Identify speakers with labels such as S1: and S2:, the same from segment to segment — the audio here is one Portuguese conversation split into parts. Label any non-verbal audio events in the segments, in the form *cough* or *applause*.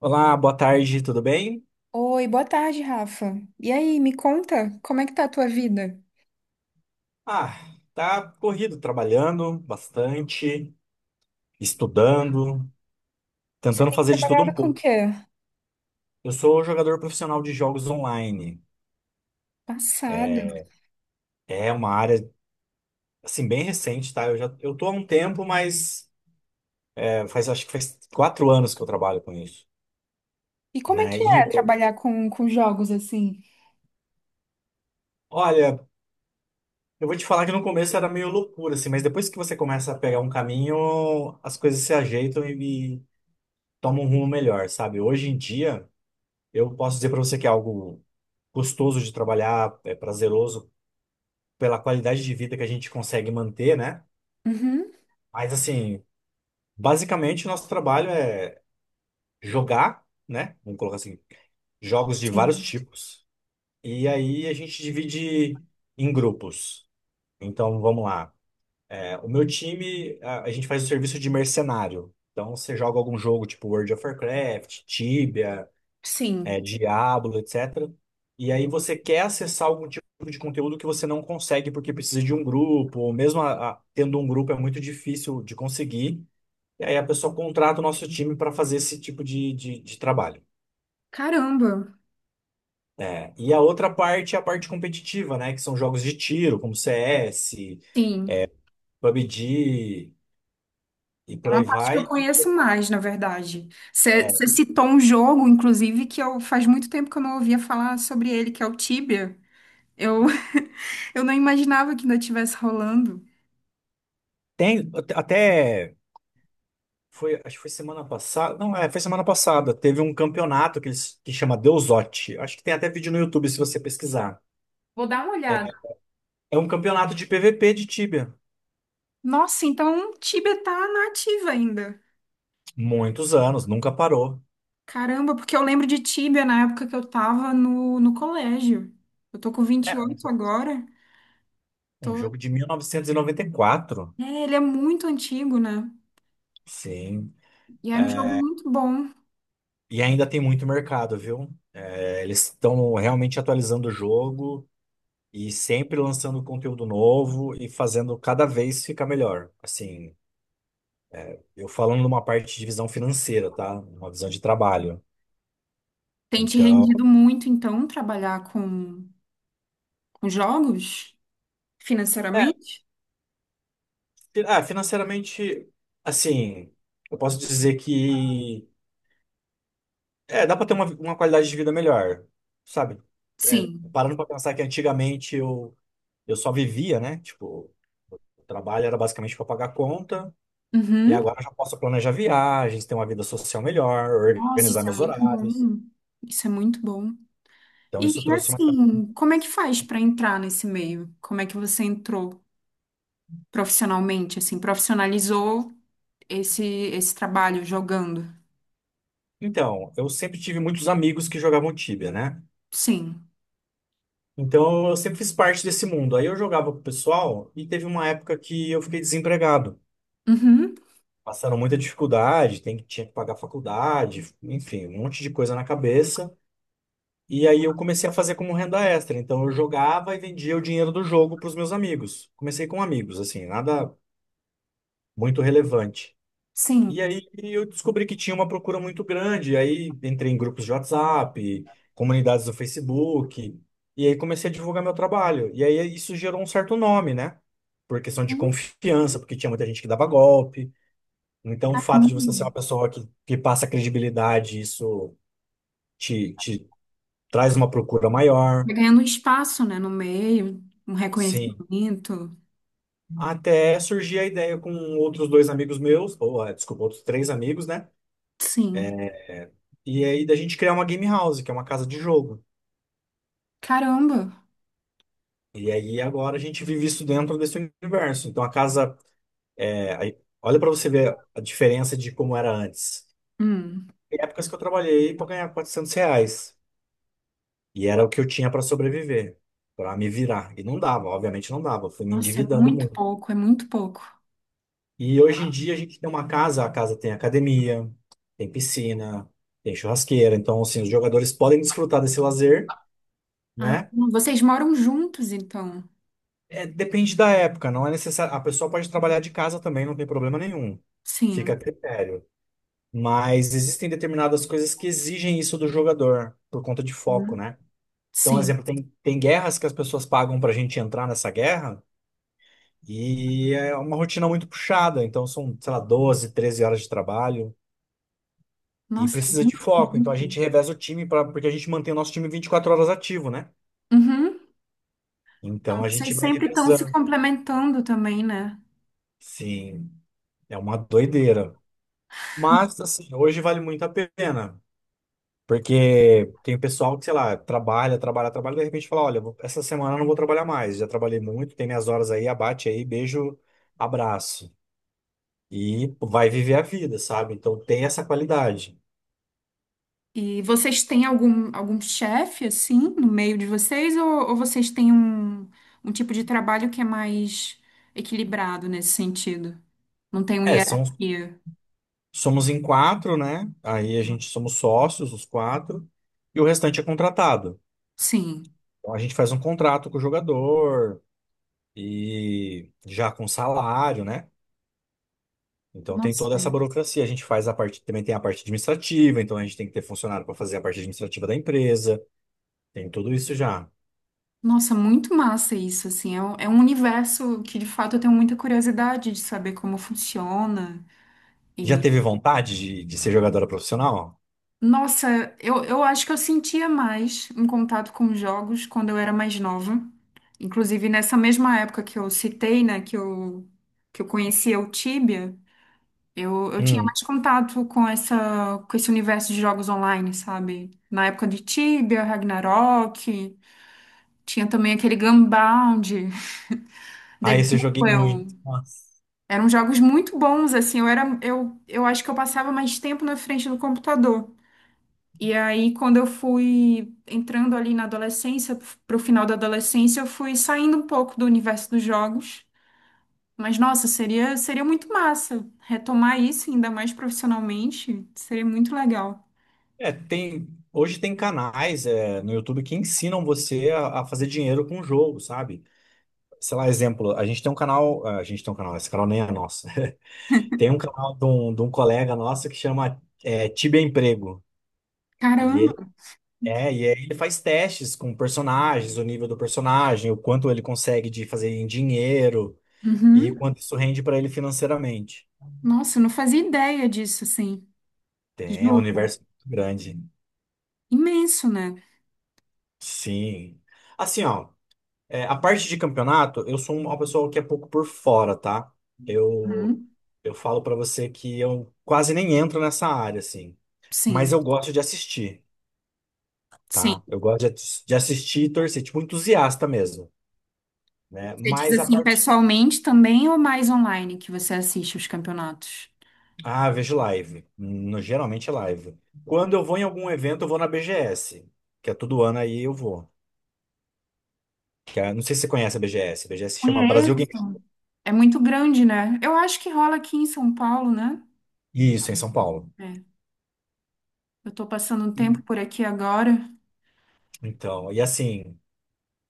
S1: Olá, boa tarde, tudo bem?
S2: Oi, boa tarde, Rafa. E aí, me conta, como é que tá a tua vida?
S1: Ah, tá corrido, trabalhando bastante, estudando,
S2: Você
S1: tentando
S2: tem
S1: fazer de tudo
S2: trabalhado
S1: um
S2: com o
S1: pouco.
S2: quê?
S1: Eu sou jogador profissional de jogos online.
S2: Passado.
S1: É uma área, assim, bem recente, tá? Eu tô há um tempo, mas acho que faz 4 anos que eu trabalho com isso,
S2: E como é
S1: né?
S2: que
S1: E,
S2: é trabalhar com jogos assim?
S1: olha, eu vou te falar que no começo era meio loucura, assim, mas depois que você começa a pegar um caminho, as coisas se ajeitam e tomam um rumo melhor, sabe? Hoje em dia, eu posso dizer pra você que é algo gostoso de trabalhar, é prazeroso pela qualidade de vida que a gente consegue manter, né?
S2: Uhum,
S1: Mas assim, basicamente nosso trabalho é jogar, né? Vamos colocar assim, jogos de vários
S2: sim.
S1: tipos. E aí a gente divide em grupos. Então vamos lá. É, o meu time, a gente faz o serviço de mercenário. Então você joga algum jogo tipo World of Warcraft, Tibia, é,
S2: Sim.
S1: Diablo, etc. E aí você quer acessar algum tipo de conteúdo que você não consegue porque precisa de um grupo, ou mesmo tendo um grupo é muito difícil de conseguir. E aí a pessoa contrata o nosso time para fazer esse tipo de trabalho.
S2: Caramba.
S1: É, e a outra parte é a parte competitiva, né? Que são jogos de tiro, como CS,
S2: Sim.
S1: PUBG e
S2: É
S1: por
S2: uma
S1: aí
S2: parte que eu
S1: vai. E,
S2: conheço mais, na verdade. Você
S1: é,
S2: citou um jogo, inclusive, que eu faz muito tempo que eu não ouvia falar sobre ele, que é o Tibia. Eu, *laughs* eu não imaginava que ainda estivesse rolando.
S1: tem até foi, acho que foi semana passada. Não, foi semana passada. Teve um campeonato que chama Deusote. Acho que tem até vídeo no YouTube se você pesquisar.
S2: Vou dar uma olhada.
S1: É é um campeonato de PVP de Tibia.
S2: Nossa, então Tibia tá na ativa ainda.
S1: Muitos anos, nunca parou.
S2: Caramba, porque eu lembro de Tíbia na época que eu tava no colégio. Eu tô com
S1: É,
S2: 28 agora.
S1: um
S2: Tô...
S1: jogo de 1994.
S2: É, ele é muito antigo, né?
S1: Sim.
S2: E era um jogo muito bom.
S1: E ainda tem muito mercado, viu? É, eles estão realmente atualizando o jogo e sempre lançando conteúdo novo e fazendo cada vez ficar melhor. Assim, eu falando numa parte de visão financeira, tá? Uma visão de trabalho.
S2: Tem te
S1: Então,
S2: rendido muito, então, trabalhar com jogos
S1: É,
S2: financeiramente?
S1: financeiramente, assim, eu posso dizer que dá para ter uma qualidade de vida melhor, sabe? É,
S2: Sim.
S1: parando para pensar que antigamente eu só vivia, né? Tipo, o trabalho era basicamente para pagar conta, e
S2: Uhum.
S1: agora eu já posso planejar viagens, ter uma vida social melhor,
S2: Nossa,
S1: organizar
S2: isso é
S1: meus
S2: muito
S1: horários.
S2: bom. Isso é muito bom.
S1: Então,
S2: E
S1: isso trouxe uma *unintelligible*
S2: assim, como é que faz para entrar nesse meio? Como é que você entrou profissionalmente, assim, profissionalizou esse esse trabalho jogando?
S1: então, eu sempre tive muitos amigos que jogavam Tibia, né?
S2: Sim.
S1: Então, eu sempre fiz parte desse mundo. Aí eu jogava com o pessoal e teve uma época que eu fiquei desempregado.
S2: Uhum.
S1: Passaram muita dificuldade, tinha que pagar faculdade, enfim, um monte de coisa na cabeça. E aí eu comecei a fazer como renda extra. Então eu jogava e vendia o dinheiro do jogo para os meus amigos. Comecei com amigos, assim, nada muito relevante. E
S2: Sim.
S1: aí eu descobri que tinha uma procura muito grande. E aí entrei em grupos de WhatsApp, comunidades do Facebook. E aí comecei a divulgar meu trabalho. E aí isso gerou um certo nome, né? Por questão de confiança, porque tinha muita gente que dava golpe. Então, o fato de você ser uma
S2: Hum.
S1: pessoa que passa credibilidade, isso te traz uma procura maior.
S2: Vai ganhando um espaço, né, no meio, um
S1: Sim.
S2: reconhecimento.
S1: Até surgir a ideia com outros dois amigos meus, ou, ah, desculpa, outros três amigos, né?
S2: Sim.
S1: É, E aí da gente criar uma game house, que é uma casa de jogo.
S2: Caramba.
S1: E aí agora a gente vive isso dentro desse universo. Então a casa, é, olha para você ver a diferença de como era antes.
S2: Hum.
S1: Tem épocas que eu trabalhei para ganhar R$ 400. E era o que eu tinha para sobreviver, para me virar. E não dava, obviamente não dava. Eu fui me
S2: Nossa, é
S1: endividando
S2: muito
S1: muito.
S2: pouco, é muito pouco.
S1: E hoje em dia a gente tem uma casa, a casa tem academia, tem piscina, tem churrasqueira. Então, assim, os jogadores podem desfrutar desse lazer,
S2: Ah,
S1: né?
S2: vocês moram juntos, então?
S1: É, depende da época, não é necessário. A pessoa pode trabalhar de casa também, não tem problema nenhum. Fica a
S2: Sim.
S1: critério. Mas existem determinadas coisas que exigem isso do jogador, por conta de foco,
S2: Uhum.
S1: né? Então,
S2: Sim.
S1: exemplo, tem guerras que as pessoas pagam para a gente entrar nessa guerra. E é uma rotina muito puxada, então são, sei lá, 12 13 horas de trabalho e
S2: Nossa, há
S1: precisa de
S2: muito
S1: foco. Então a
S2: tempo.
S1: gente reveza o time pra, porque a gente mantém o nosso time 24 horas ativo, né?
S2: Uhum.
S1: Então
S2: Então
S1: a gente
S2: vocês
S1: vai
S2: sempre estão se
S1: revezando.
S2: complementando também, né?
S1: Sim, é uma doideira. Mas, assim, hoje vale muito a pena, porque tem pessoal que, sei lá, trabalha, trabalha, trabalha, e de repente fala: olha, essa semana eu não vou trabalhar mais, já trabalhei muito, tem minhas horas aí, abate aí, beijo, abraço. E vai viver a vida, sabe? Então tem essa qualidade.
S2: E vocês têm algum, algum chefe, assim, no meio de vocês? Ou vocês têm um, um tipo de trabalho que é mais equilibrado nesse sentido? Não tem uma
S1: É, são
S2: hierarquia?
S1: Somos em quatro, né? Aí a gente somos sócios, os quatro, e o restante é contratado.
S2: Sim.
S1: Então a gente faz um contrato com o jogador e já com salário, né? Então tem
S2: Nossa,
S1: toda essa burocracia. A gente faz a parte, também tem a parte administrativa, então a gente tem que ter funcionário para fazer a parte administrativa da empresa. Tem tudo isso já.
S2: nossa, muito massa isso, assim. É um universo que, de fato, eu tenho muita curiosidade de saber como funciona.
S1: Já teve vontade de ser jogadora profissional?
S2: Nossa, eu acho que eu sentia mais um contato com os jogos quando eu era mais nova. Inclusive, nessa mesma época que eu citei, né, que eu conhecia o Tibia, eu tinha
S1: Hum.
S2: mais contato com essa, com esse universo de jogos online, sabe? Na época de Tibia, Ragnarok, tinha também aquele Gunbound, *laughs*
S1: Ah,
S2: The
S1: esse eu joguei
S2: Duel.
S1: muito. Nossa.
S2: Eram jogos muito bons, assim, eu era, eu acho que eu passava mais tempo na frente do computador. E aí, quando eu fui entrando ali na adolescência, pro final da adolescência, eu fui saindo um pouco do universo dos jogos. Mas, nossa, seria, seria muito massa retomar isso, ainda mais profissionalmente. Seria muito legal.
S1: É, tem. Hoje tem canais, é, no YouTube que ensinam você a fazer dinheiro com o jogo, sabe? Sei lá, exemplo, a gente tem um canal, a gente tem um canal, esse canal nem é nosso. *laughs* Tem um canal de um colega nosso que chama Tibia Emprego. E ele
S2: Caramba!
S1: e aí ele faz testes com personagens, o nível do personagem, o quanto ele consegue de fazer em dinheiro e
S2: Uhum.
S1: quanto isso rende para ele financeiramente.
S2: Nossa, eu não fazia ideia disso, assim.
S1: Tem, é um
S2: Juro.
S1: universo muito grande.
S2: Imenso, né?
S1: Sim. Assim, ó, é, a parte de campeonato, eu sou uma pessoa que é pouco por fora, tá? Eu,
S2: Uhum.
S1: eu falo pra você que eu quase nem entro nessa área, assim. Mas
S2: Sim,
S1: eu gosto de assistir,
S2: sim.
S1: tá? Eu gosto de assistir e torcer, tipo entusiasta mesmo, né?
S2: Você diz
S1: Mas a
S2: assim
S1: parte...
S2: pessoalmente também ou mais online que você assiste os campeonatos?
S1: Ah, vejo live. Geralmente é live. Quando eu vou em algum evento, eu vou na BGS, que é todo ano aí eu vou. Não sei se você conhece a BGS. A BGS se chama Brasil Game...
S2: Conheço. É muito grande, né? Eu acho que rola aqui em São Paulo, né?
S1: Isso, em São Paulo.
S2: É. Eu tô passando um tempo
S1: E-
S2: por aqui agora.
S1: Então, e assim...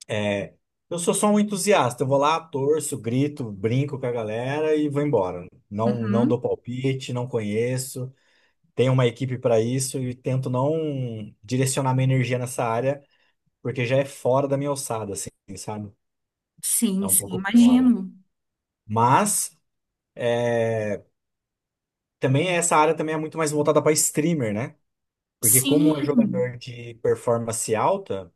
S1: É, eu sou só um entusiasta. Eu vou lá, torço, grito, brinco com a galera e vou embora. Não, não
S2: Uhum.
S1: dou palpite, não conheço. Tenho uma equipe para isso e tento não direcionar minha energia nessa área, porque já é fora da minha alçada, assim, sabe? É
S2: Sim,
S1: um
S2: sim,
S1: pouco fora.
S2: imagino.
S1: Mas é, também essa área também é muito mais voltada para streamer, né? Porque como é
S2: Sim.
S1: jogador de performance alta.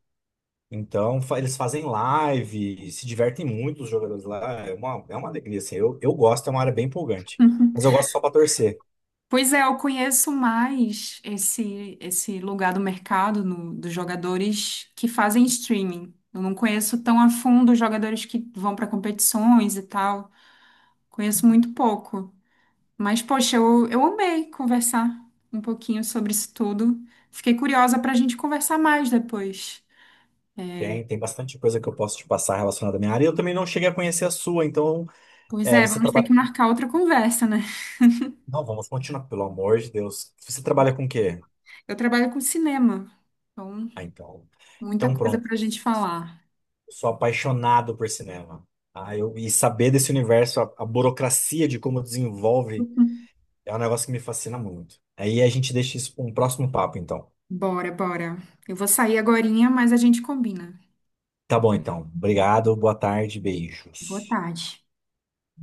S1: Então, eles fazem live, se divertem muito os jogadores lá. É uma alegria, assim. Eu gosto, é uma área bem empolgante. Mas eu
S2: *laughs*
S1: gosto só pra torcer.
S2: Pois é, eu conheço mais esse lugar do mercado no- dos jogadores que fazem streaming. Eu não conheço tão a fundo os jogadores que vão para competições e tal. Conheço muito pouco. Mas, poxa, eu amei conversar um pouquinho sobre isso tudo. Fiquei curiosa para a gente conversar mais depois.
S1: Tem bastante coisa que eu posso te passar relacionada à minha área. E eu também não cheguei a conhecer a sua, então
S2: Pois é,
S1: você
S2: vamos ter
S1: trabalha.
S2: que marcar outra conversa, né?
S1: Não, vamos continuar, pelo amor de Deus. Você trabalha com o quê?
S2: Eu trabalho com cinema, então
S1: Ah, então.
S2: muita
S1: Então
S2: coisa
S1: pronto.
S2: para a gente falar.
S1: Eu sou apaixonado por cinema. Ah, e saber desse universo, a burocracia de como desenvolve,
S2: *laughs*
S1: é um negócio que me fascina muito. Aí a gente deixa isso para um próximo papo, então.
S2: Bora, bora. Eu vou sair agorinha, mas a gente combina.
S1: Tá bom, então. Obrigado, boa tarde,
S2: Boa
S1: beijos.
S2: tarde.